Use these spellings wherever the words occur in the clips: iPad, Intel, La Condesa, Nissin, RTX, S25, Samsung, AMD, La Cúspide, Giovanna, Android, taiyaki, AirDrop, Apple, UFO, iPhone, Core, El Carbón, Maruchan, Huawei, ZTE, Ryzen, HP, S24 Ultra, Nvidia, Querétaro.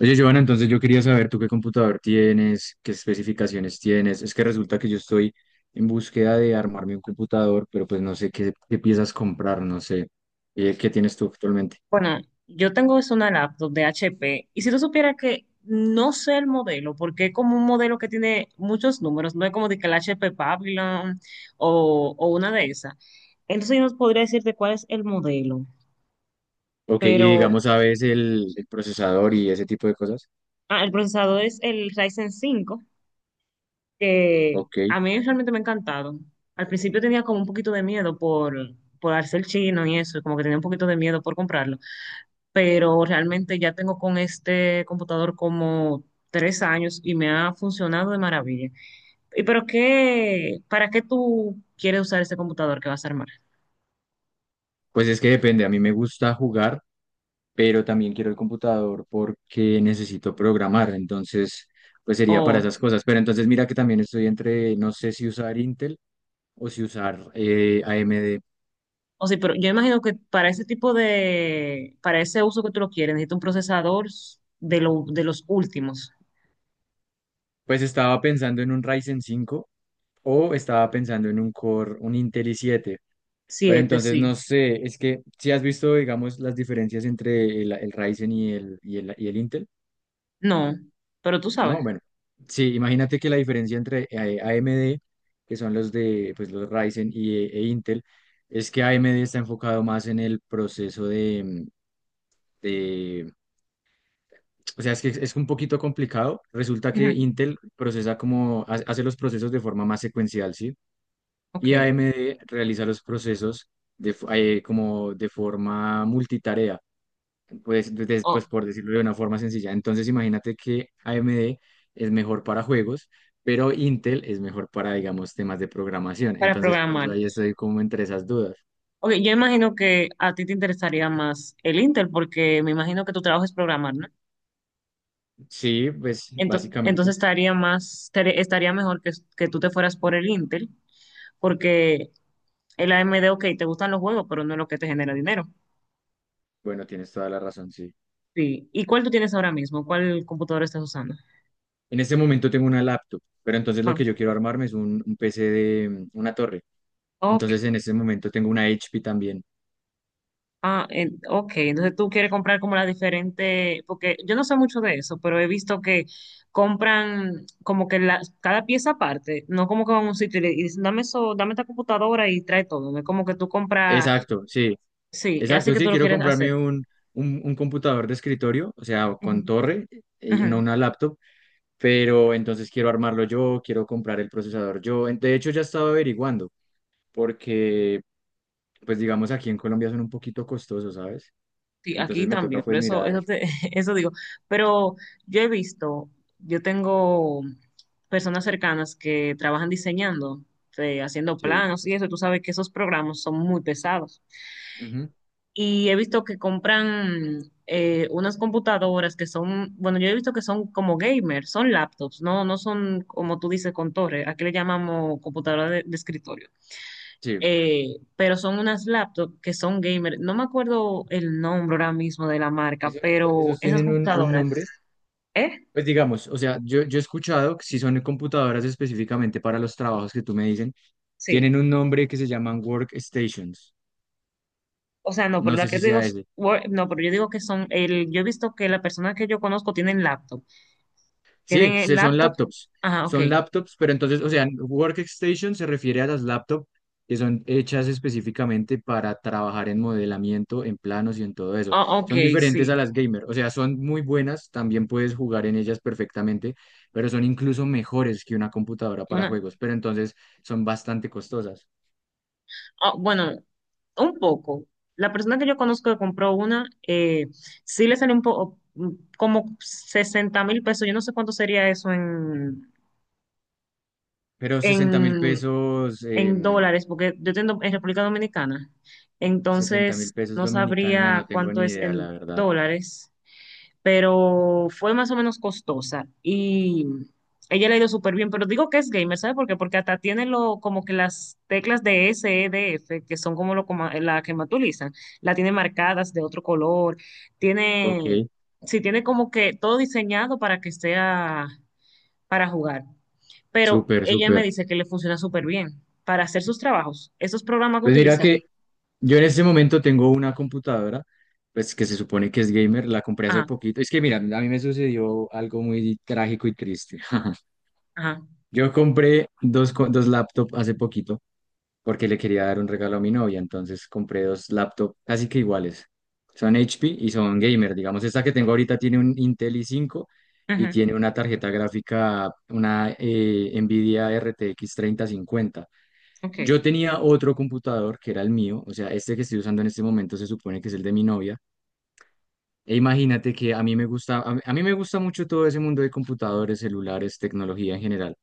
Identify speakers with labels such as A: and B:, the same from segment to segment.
A: Oye, Giovanna, entonces yo quería saber tú qué computador tienes, qué especificaciones tienes. Es que resulta que yo estoy en búsqueda de armarme un computador, pero pues no sé qué piezas comprar, no sé. ¿Qué tienes tú actualmente?
B: Bueno, yo tengo es una laptop de HP y si tú supieras que no sé el modelo, porque es como un modelo que tiene muchos números, no es como de que el HP Pavilion o una de esas. Entonces yo no podría decirte cuál es el modelo,
A: Ok, y
B: pero
A: digamos, ¿sabes el procesador y ese tipo de cosas?
B: el procesador es el Ryzen 5 que
A: Ok,
B: a mí realmente me ha encantado. Al principio tenía como un poquito de miedo por al ser chino y eso, como que tenía un poquito de miedo por comprarlo. Pero realmente ya tengo con este computador como 3 años y me ha funcionado de maravilla. ¿Y pero qué, para qué tú quieres usar este computador que vas a armar?
A: pues es que depende. A mí me gusta jugar, pero también quiero el computador porque necesito programar. Entonces, pues sería para
B: O,
A: esas cosas. Pero entonces mira que también estoy entre, no sé si usar Intel o si usar AMD.
B: o sí, pero yo imagino que para ese tipo de, para ese uso que tú lo quieres, necesito un procesador de, lo, de los últimos.
A: Pues estaba pensando en un Ryzen 5 o estaba pensando en un Core, un Intel i7. Pero
B: Siete,
A: entonces no
B: sí.
A: sé, es que si has visto, digamos, las diferencias entre el Ryzen y el Intel,
B: No, pero tú sabes.
A: ¿no? Bueno, sí, imagínate que la diferencia entre AMD, que son los de, pues los Ryzen y, e Intel, es que AMD está enfocado más en el proceso de, de- o sea, es que es un poquito complicado. Resulta
B: Ujú.
A: que Intel procesa como, hace los procesos de forma más secuencial, ¿sí? Y
B: Ok.
A: AMD realiza los procesos de, como de forma multitarea, pues,
B: O-
A: pues por decirlo de una forma sencilla. Entonces imagínate que AMD es mejor para juegos, pero Intel es mejor para, digamos, temas de programación.
B: para
A: Entonces por
B: programar.
A: eso ahí estoy como entre esas dudas.
B: Ok, yo imagino que a ti te interesaría más el Intel porque me imagino que tu trabajo es programar, ¿no?
A: Sí, pues
B: Entonces
A: básicamente,
B: estaría más, estaría mejor que tú te fueras por el Intel, porque el AMD, ok, te gustan los juegos, pero no es lo que te genera dinero.
A: bueno, tienes toda la razón, sí.
B: Sí. ¿Y cuál tú tienes ahora mismo? ¿Cuál computadora estás usando?
A: En este momento tengo una laptop, pero entonces lo
B: Ah,
A: que yo quiero armarme es un PC de una torre.
B: ok.
A: Entonces en este momento tengo una HP también.
B: Ah, ok. Entonces tú quieres comprar como la diferente, porque yo no sé mucho de eso, pero he visto que compran como que la, cada pieza aparte, no como que van a un sitio y le y dicen, dame eso, dame esta computadora y trae todo. No es como que tú compras,
A: Exacto, sí.
B: sí, así
A: Exacto,
B: que
A: sí,
B: tú lo
A: quiero
B: quieres hacer.
A: comprarme un computador de escritorio, o sea, con
B: Ujú.
A: torre,
B: Ujú.
A: no una laptop, pero entonces quiero armarlo yo, quiero comprar el procesador yo. De hecho, ya estaba averiguando, porque, pues digamos, aquí en Colombia son un poquito costosos, ¿sabes?
B: Sí,
A: Entonces
B: aquí
A: me
B: también,
A: toca
B: por
A: pues
B: eso,
A: mirar,
B: eso te- eso digo. Pero yo he visto, yo tengo personas cercanas que trabajan diseñando, haciendo
A: sí,
B: planos y eso, tú sabes que esos programas son muy pesados.
A: ujú,
B: Y he visto que compran unas computadoras que son, bueno, yo he visto que son como gamers, son laptops, no son como tú dices con torre, aquí le llamamos computadora de escritorio
A: sí,
B: pero son unas laptops que son gamer. No me acuerdo el nombre ahora mismo de la marca, pero
A: esos
B: esas
A: tienen un
B: computadoras,
A: nombre.
B: ¿eh?
A: Pues digamos, o sea, yo he escuchado que si son computadoras específicamente para los trabajos que tú me dicen,
B: Sí.
A: tienen un nombre que se llaman workstations.
B: O sea, no, pero
A: No
B: la
A: sé si
B: que te digo,
A: sea
B: es
A: ese.
B: No, pero yo digo que son, el, yo he visto que la persona que yo conozco tienen laptop. Tienen
A: Sí,
B: el laptop, ajá, ok.
A: son laptops, pero entonces, o sea, workstation se refiere a las laptops que son hechas específicamente para trabajar en modelamiento, en planos y en todo eso.
B: Ah, ok,
A: Son diferentes a
B: sí.
A: las gamer, o sea, son muy buenas, también puedes jugar en ellas perfectamente, pero son incluso mejores que una computadora para
B: Una,
A: juegos, pero entonces son bastante costosas.
B: ah, bueno, un poco. La persona que yo conozco que compró una, sí le salió un poco, como 60.000 pesos. Yo no sé cuánto sería eso
A: Pero 60 mil
B: en
A: pesos,
B: en dólares, porque yo tengo en República Dominicana,
A: 60 mil
B: entonces
A: pesos
B: no
A: dominicanos, no, no
B: sabría
A: tengo
B: cuánto
A: ni
B: es
A: idea,
B: en
A: la verdad.
B: dólares, pero fue más o menos costosa y ella le ha ido súper bien, pero digo que es gamer, ¿sabes por qué? Porque hasta tiene lo, como que las teclas de S, E, D, F, que son como lo, coma- la que más utilizan, la tiene marcadas de otro color,
A: Ok,
B: tiene, sí, tiene como que todo diseñado para que sea para jugar pero
A: súper,
B: ella me
A: súper.
B: dice que le funciona súper bien para hacer sus trabajos, esos programas que
A: Pues mira
B: utiliza.
A: que yo en este momento tengo una computadora, pues que se supone que es gamer, la compré hace
B: Ajá,
A: poquito. Es que mira, a mí me sucedió algo muy trágico y triste.
B: ajá,
A: Yo compré dos laptops hace poquito porque le quería dar un regalo a mi novia, entonces compré dos laptops casi que iguales. Son HP y son gamer, digamos. Esta que tengo ahorita tiene un Intel i5 y
B: ajá,
A: tiene una tarjeta gráfica, una Nvidia RTX 50.
B: ok,
A: Yo tenía otro computador que era el mío, o sea, este que estoy usando en este momento se supone que es el de mi novia. E imagínate que a mí me gusta, a mí me gusta mucho todo ese mundo de computadores, celulares, tecnología en general.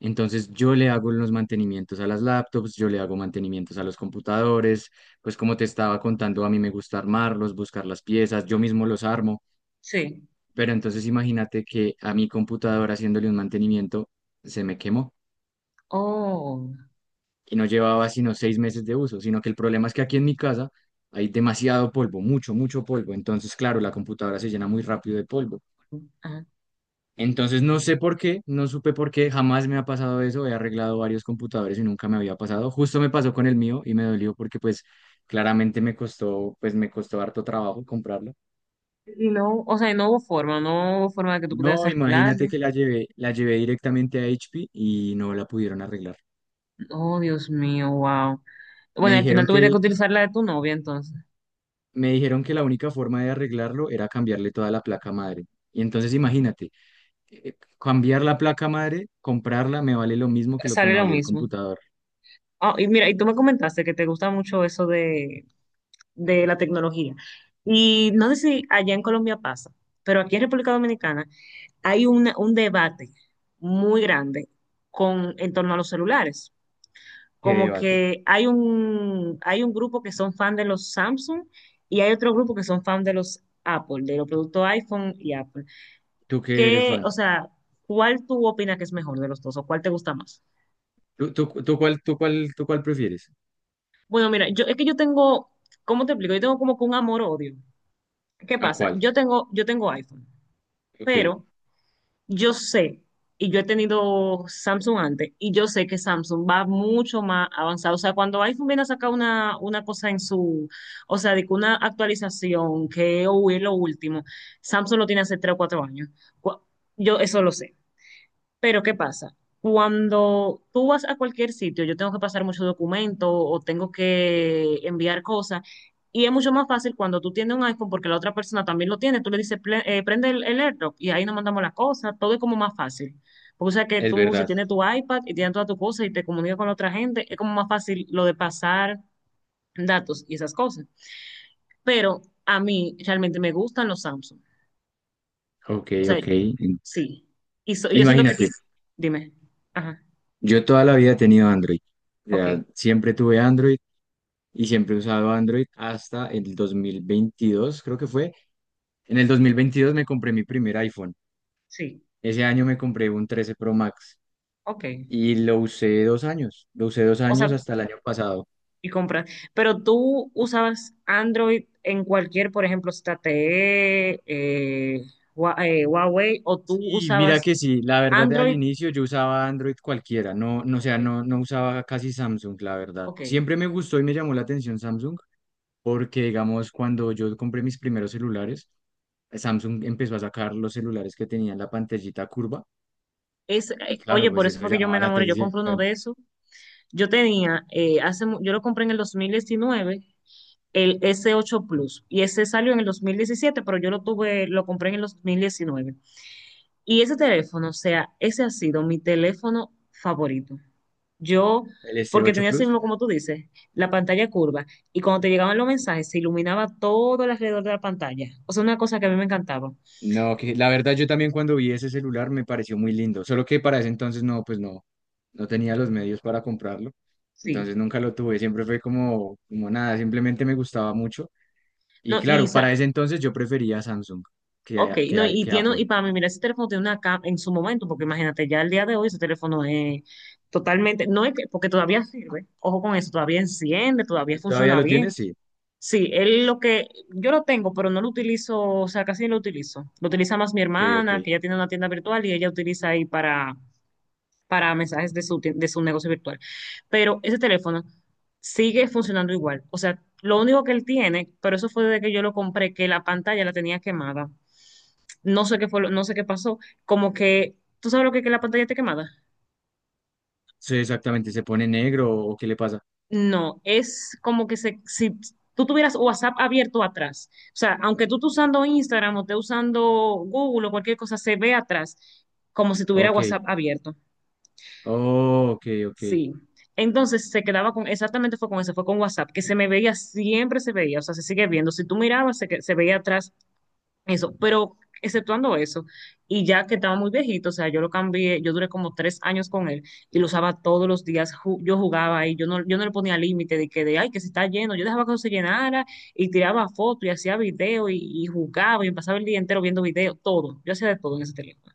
A: Entonces yo le hago los mantenimientos a las laptops, yo le hago mantenimientos a los computadores, pues como te estaba contando, a mí me gusta armarlos, buscar las piezas, yo mismo los armo.
B: sí.
A: Pero entonces imagínate que a mi computador haciéndole un mantenimiento se me quemó.
B: Oh,
A: Y no llevaba sino 6 meses de uso, sino que el problema es que aquí en mi casa hay demasiado polvo, mucho, mucho polvo. Entonces, claro, la computadora se llena muy rápido de polvo.
B: ajá.
A: Entonces, no sé por qué, no supe por qué, jamás me ha pasado eso. He arreglado varios computadores y nunca me había pasado. Justo me pasó con el mío y me dolió porque pues claramente me costó, pues me costó harto trabajo comprarlo.
B: Y no, o sea, y no hubo forma, no hubo forma de que tú
A: No,
B: pudieras arreglarlo.
A: imagínate que la llevé directamente a HP y no la pudieron arreglar.
B: Oh, Dios mío, wow.
A: Me
B: Bueno, al final
A: dijeron
B: tuviste
A: que
B: que utilizar la de tu novia, entonces.
A: Me dijeron que la única forma de arreglarlo era cambiarle toda la placa madre. Y entonces imagínate, cambiar la placa madre, comprarla, me vale lo mismo que lo que me
B: Sale lo
A: valió el
B: mismo.
A: computador.
B: Ah, y mira, y tú me comentaste que te gusta mucho eso de la tecnología. Y no sé si allá en Colombia pasa, pero aquí en República Dominicana hay un debate muy grande con, en torno a los celulares.
A: Qué
B: Como
A: debate.
B: que hay un grupo que son fan de los Samsung y hay otro grupo que son fan de los Apple, de los productos iPhone y Apple.
A: ¿Tú qué eres
B: ¿Qué, o
A: fan?
B: sea, cuál tú opinas que es mejor de los dos o cuál te gusta más?
A: ¿Tú cuál prefieres?
B: Bueno, mira, yo, es que yo tengo, ¿cómo te explico? Yo tengo como que un amor-odio. ¿Qué
A: ¿A
B: pasa?
A: cuál?
B: Yo tengo iPhone,
A: Ok,
B: pero yo sé, y yo he tenido Samsung antes, y yo sé que Samsung va mucho más avanzado. O sea, cuando iPhone viene a sacar una cosa en su, o sea, de que una actualización, que hoy es lo último, Samsung lo tiene hace 3 o 4 años. Cu- Yo eso lo sé. Pero ¿qué pasa? Cuando tú vas a cualquier sitio, yo tengo que pasar muchos documentos o tengo que enviar cosas. Y es mucho más fácil cuando tú tienes un iPhone porque la otra persona también lo tiene. Tú le dices, prende el AirDrop y ahí nos mandamos las cosas". Todo es como más fácil. Porque o sea que
A: es
B: tú, si
A: verdad.
B: tienes tu iPad y tienes todas tus cosas y te comunicas con la otra gente, es como más fácil lo de pasar datos y esas cosas. Pero a mí realmente me gustan los Samsung.
A: Ok,
B: O sea,
A: ok.
B: sí. Y, y yo siento que...
A: Imagínate,
B: Dime. Ajá.
A: yo toda la vida he tenido Android. O
B: Ok.
A: sea, siempre tuve Android y siempre he usado Android hasta el 2022, creo que fue. En el 2022 me compré mi primer iPhone.
B: Sí.
A: Ese año me compré un 13 Pro Max
B: Ok.
A: y lo usé 2 años. Lo usé dos
B: O sea,
A: años hasta el año pasado.
B: y compras. Pero tú usabas Android en cualquier, por ejemplo, ZTE, Huawei, o tú
A: Sí, mira que
B: usabas
A: sí, la verdad al
B: Android.
A: inicio yo usaba Android cualquiera, o sea,
B: Ok,
A: no usaba casi Samsung, la verdad.
B: ok.
A: Siempre me gustó y me llamó la atención Samsung porque, digamos, cuando yo compré mis primeros celulares, Samsung empezó a sacar los celulares que tenían la pantallita curva y claro,
B: Oye, por
A: pues
B: eso
A: eso
B: fue que yo me
A: llamaba la
B: enamoré. Yo
A: atención.
B: compré uno de esos. Yo tenía, hace, yo lo compré en el 2019, el S8 Plus. Y ese salió en el 2017, pero yo lo tuve, lo compré en el 2019. Y ese teléfono, o sea, ese ha sido mi teléfono favorito. Yo,
A: El s
B: porque
A: ocho
B: tenía así
A: Plus.
B: mismo, como tú dices, la pantalla curva. Y cuando te llegaban los mensajes, se iluminaba todo el alrededor de la pantalla. O sea, una cosa que a mí me encantaba.
A: No, que la verdad yo también cuando vi ese celular me pareció muy lindo, solo que para ese entonces no, no tenía los medios para comprarlo,
B: Sí.
A: entonces nunca lo tuve, siempre fue como, como nada, simplemente me gustaba mucho y
B: No, y,
A: claro, para ese entonces yo prefería Samsung
B: ok,
A: que,
B: no,
A: que,
B: y
A: que
B: tiene,
A: Apple.
B: y para mí, mira, ese teléfono tiene una cámara en su momento, porque imagínate, ya el día de hoy ese teléfono es totalmente, no es que, porque todavía sirve. Ojo con eso, todavía enciende, todavía
A: ¿Y ¿todavía
B: funciona
A: lo
B: bien.
A: tienes? Sí,
B: Sí, él lo que yo lo tengo, pero no lo utilizo, o sea, casi no lo utilizo. Lo utiliza más mi
A: ok, ok.
B: hermana, que ella tiene una tienda virtual y ella utiliza ahí para mensajes de su, de su negocio virtual. Pero ese teléfono sigue funcionando igual. O sea, lo único que él tiene, pero eso fue desde que yo lo compré, que la pantalla la tenía quemada. No sé qué fue, no sé qué pasó, como que, ¿tú sabes lo que es que la pantalla esté quemada?
A: Sí, exactamente, ¿se pone negro o qué le pasa?
B: No, es como que si tú tuvieras WhatsApp abierto atrás, o sea, aunque tú estés usando Instagram o estés usando Google o cualquier cosa, se ve atrás como si tuviera
A: Ok,
B: WhatsApp abierto.
A: oh, ok, ok.
B: Sí. Entonces se quedaba con, exactamente fue con eso, fue con WhatsApp, que se me veía, siempre se veía, o sea, se sigue viendo. Si tú mirabas, se, se veía atrás eso, pero exceptuando eso, y ya que estaba muy viejito, o sea, yo lo cambié, yo duré como 3 años con él y lo usaba todos los días, yo jugaba ahí, yo no, yo no le ponía límite de que de, ay, que se está lleno, yo dejaba que se llenara y tiraba fotos y hacía video y jugaba y me pasaba el día entero viendo video, todo, yo hacía de todo en ese teléfono.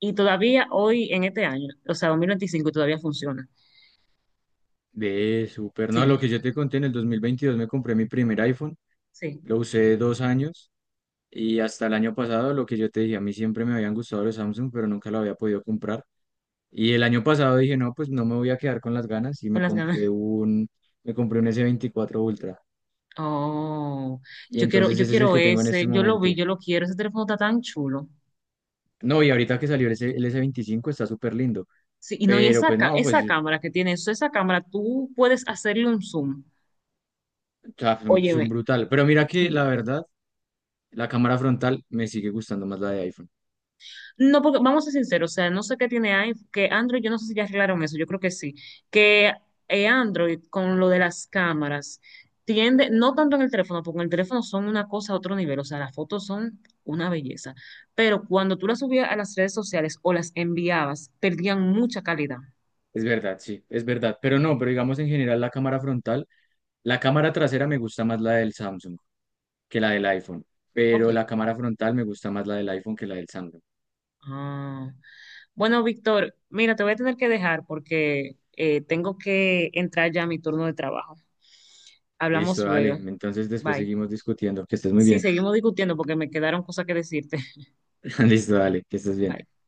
B: Y todavía hoy, en este año, o sea, 2025 todavía funciona.
A: Ve, súper, no, lo
B: Sí,
A: que yo te conté en el 2022 me compré mi primer iPhone,
B: sí,
A: lo usé 2 años. Y hasta el año pasado, lo que yo te dije, a mí siempre me habían gustado los Samsung, pero nunca lo había podido comprar. Y el año pasado dije, no, pues no me voy a quedar con las ganas y me
B: con las ganas.
A: compré me compré un S24 Ultra.
B: Oh,
A: Y entonces
B: yo
A: ese es el
B: quiero
A: que tengo en este
B: ese, yo lo
A: momento.
B: vi, yo lo quiero, ese teléfono está tan chulo.
A: No, y ahorita que salió el S25 está súper lindo,
B: Sí, y no, y
A: pero
B: esa,
A: pues no, pues
B: esa
A: o
B: cámara que tiene eso, esa cámara, tú puedes hacerle un zoom.
A: sea,
B: Oye
A: es un
B: ve
A: brutal. Pero mira que la
B: sí.
A: verdad, la cámara frontal me sigue gustando más la de iPhone.
B: No, porque vamos a ser sinceros, o sea, no sé qué tiene iPhone, que Android, yo no sé si ya arreglaron eso, yo creo que sí. Que Android, con lo de las cámaras, tiende, no tanto en el teléfono, porque en el teléfono son una cosa a otro nivel, o sea, las fotos son una belleza. Pero cuando tú las subías a las redes sociales o las enviabas, perdían mucha calidad.
A: Es verdad, sí, es verdad. Pero no, pero digamos en general la cámara frontal, la cámara trasera me gusta más la del Samsung que la del iPhone,
B: Ok.
A: pero la cámara frontal me gusta más la del iPhone que la del Samsung.
B: Ah. Bueno, Víctor, mira, te voy a tener que dejar porque tengo que entrar ya a mi turno de trabajo. Hablamos
A: Listo, dale.
B: luego.
A: Entonces después
B: Bye.
A: seguimos discutiendo. Que estés muy
B: Sí,
A: bien.
B: seguimos discutiendo porque me quedaron cosas que decirte.
A: Listo, dale. Que estés bien.
B: Bye.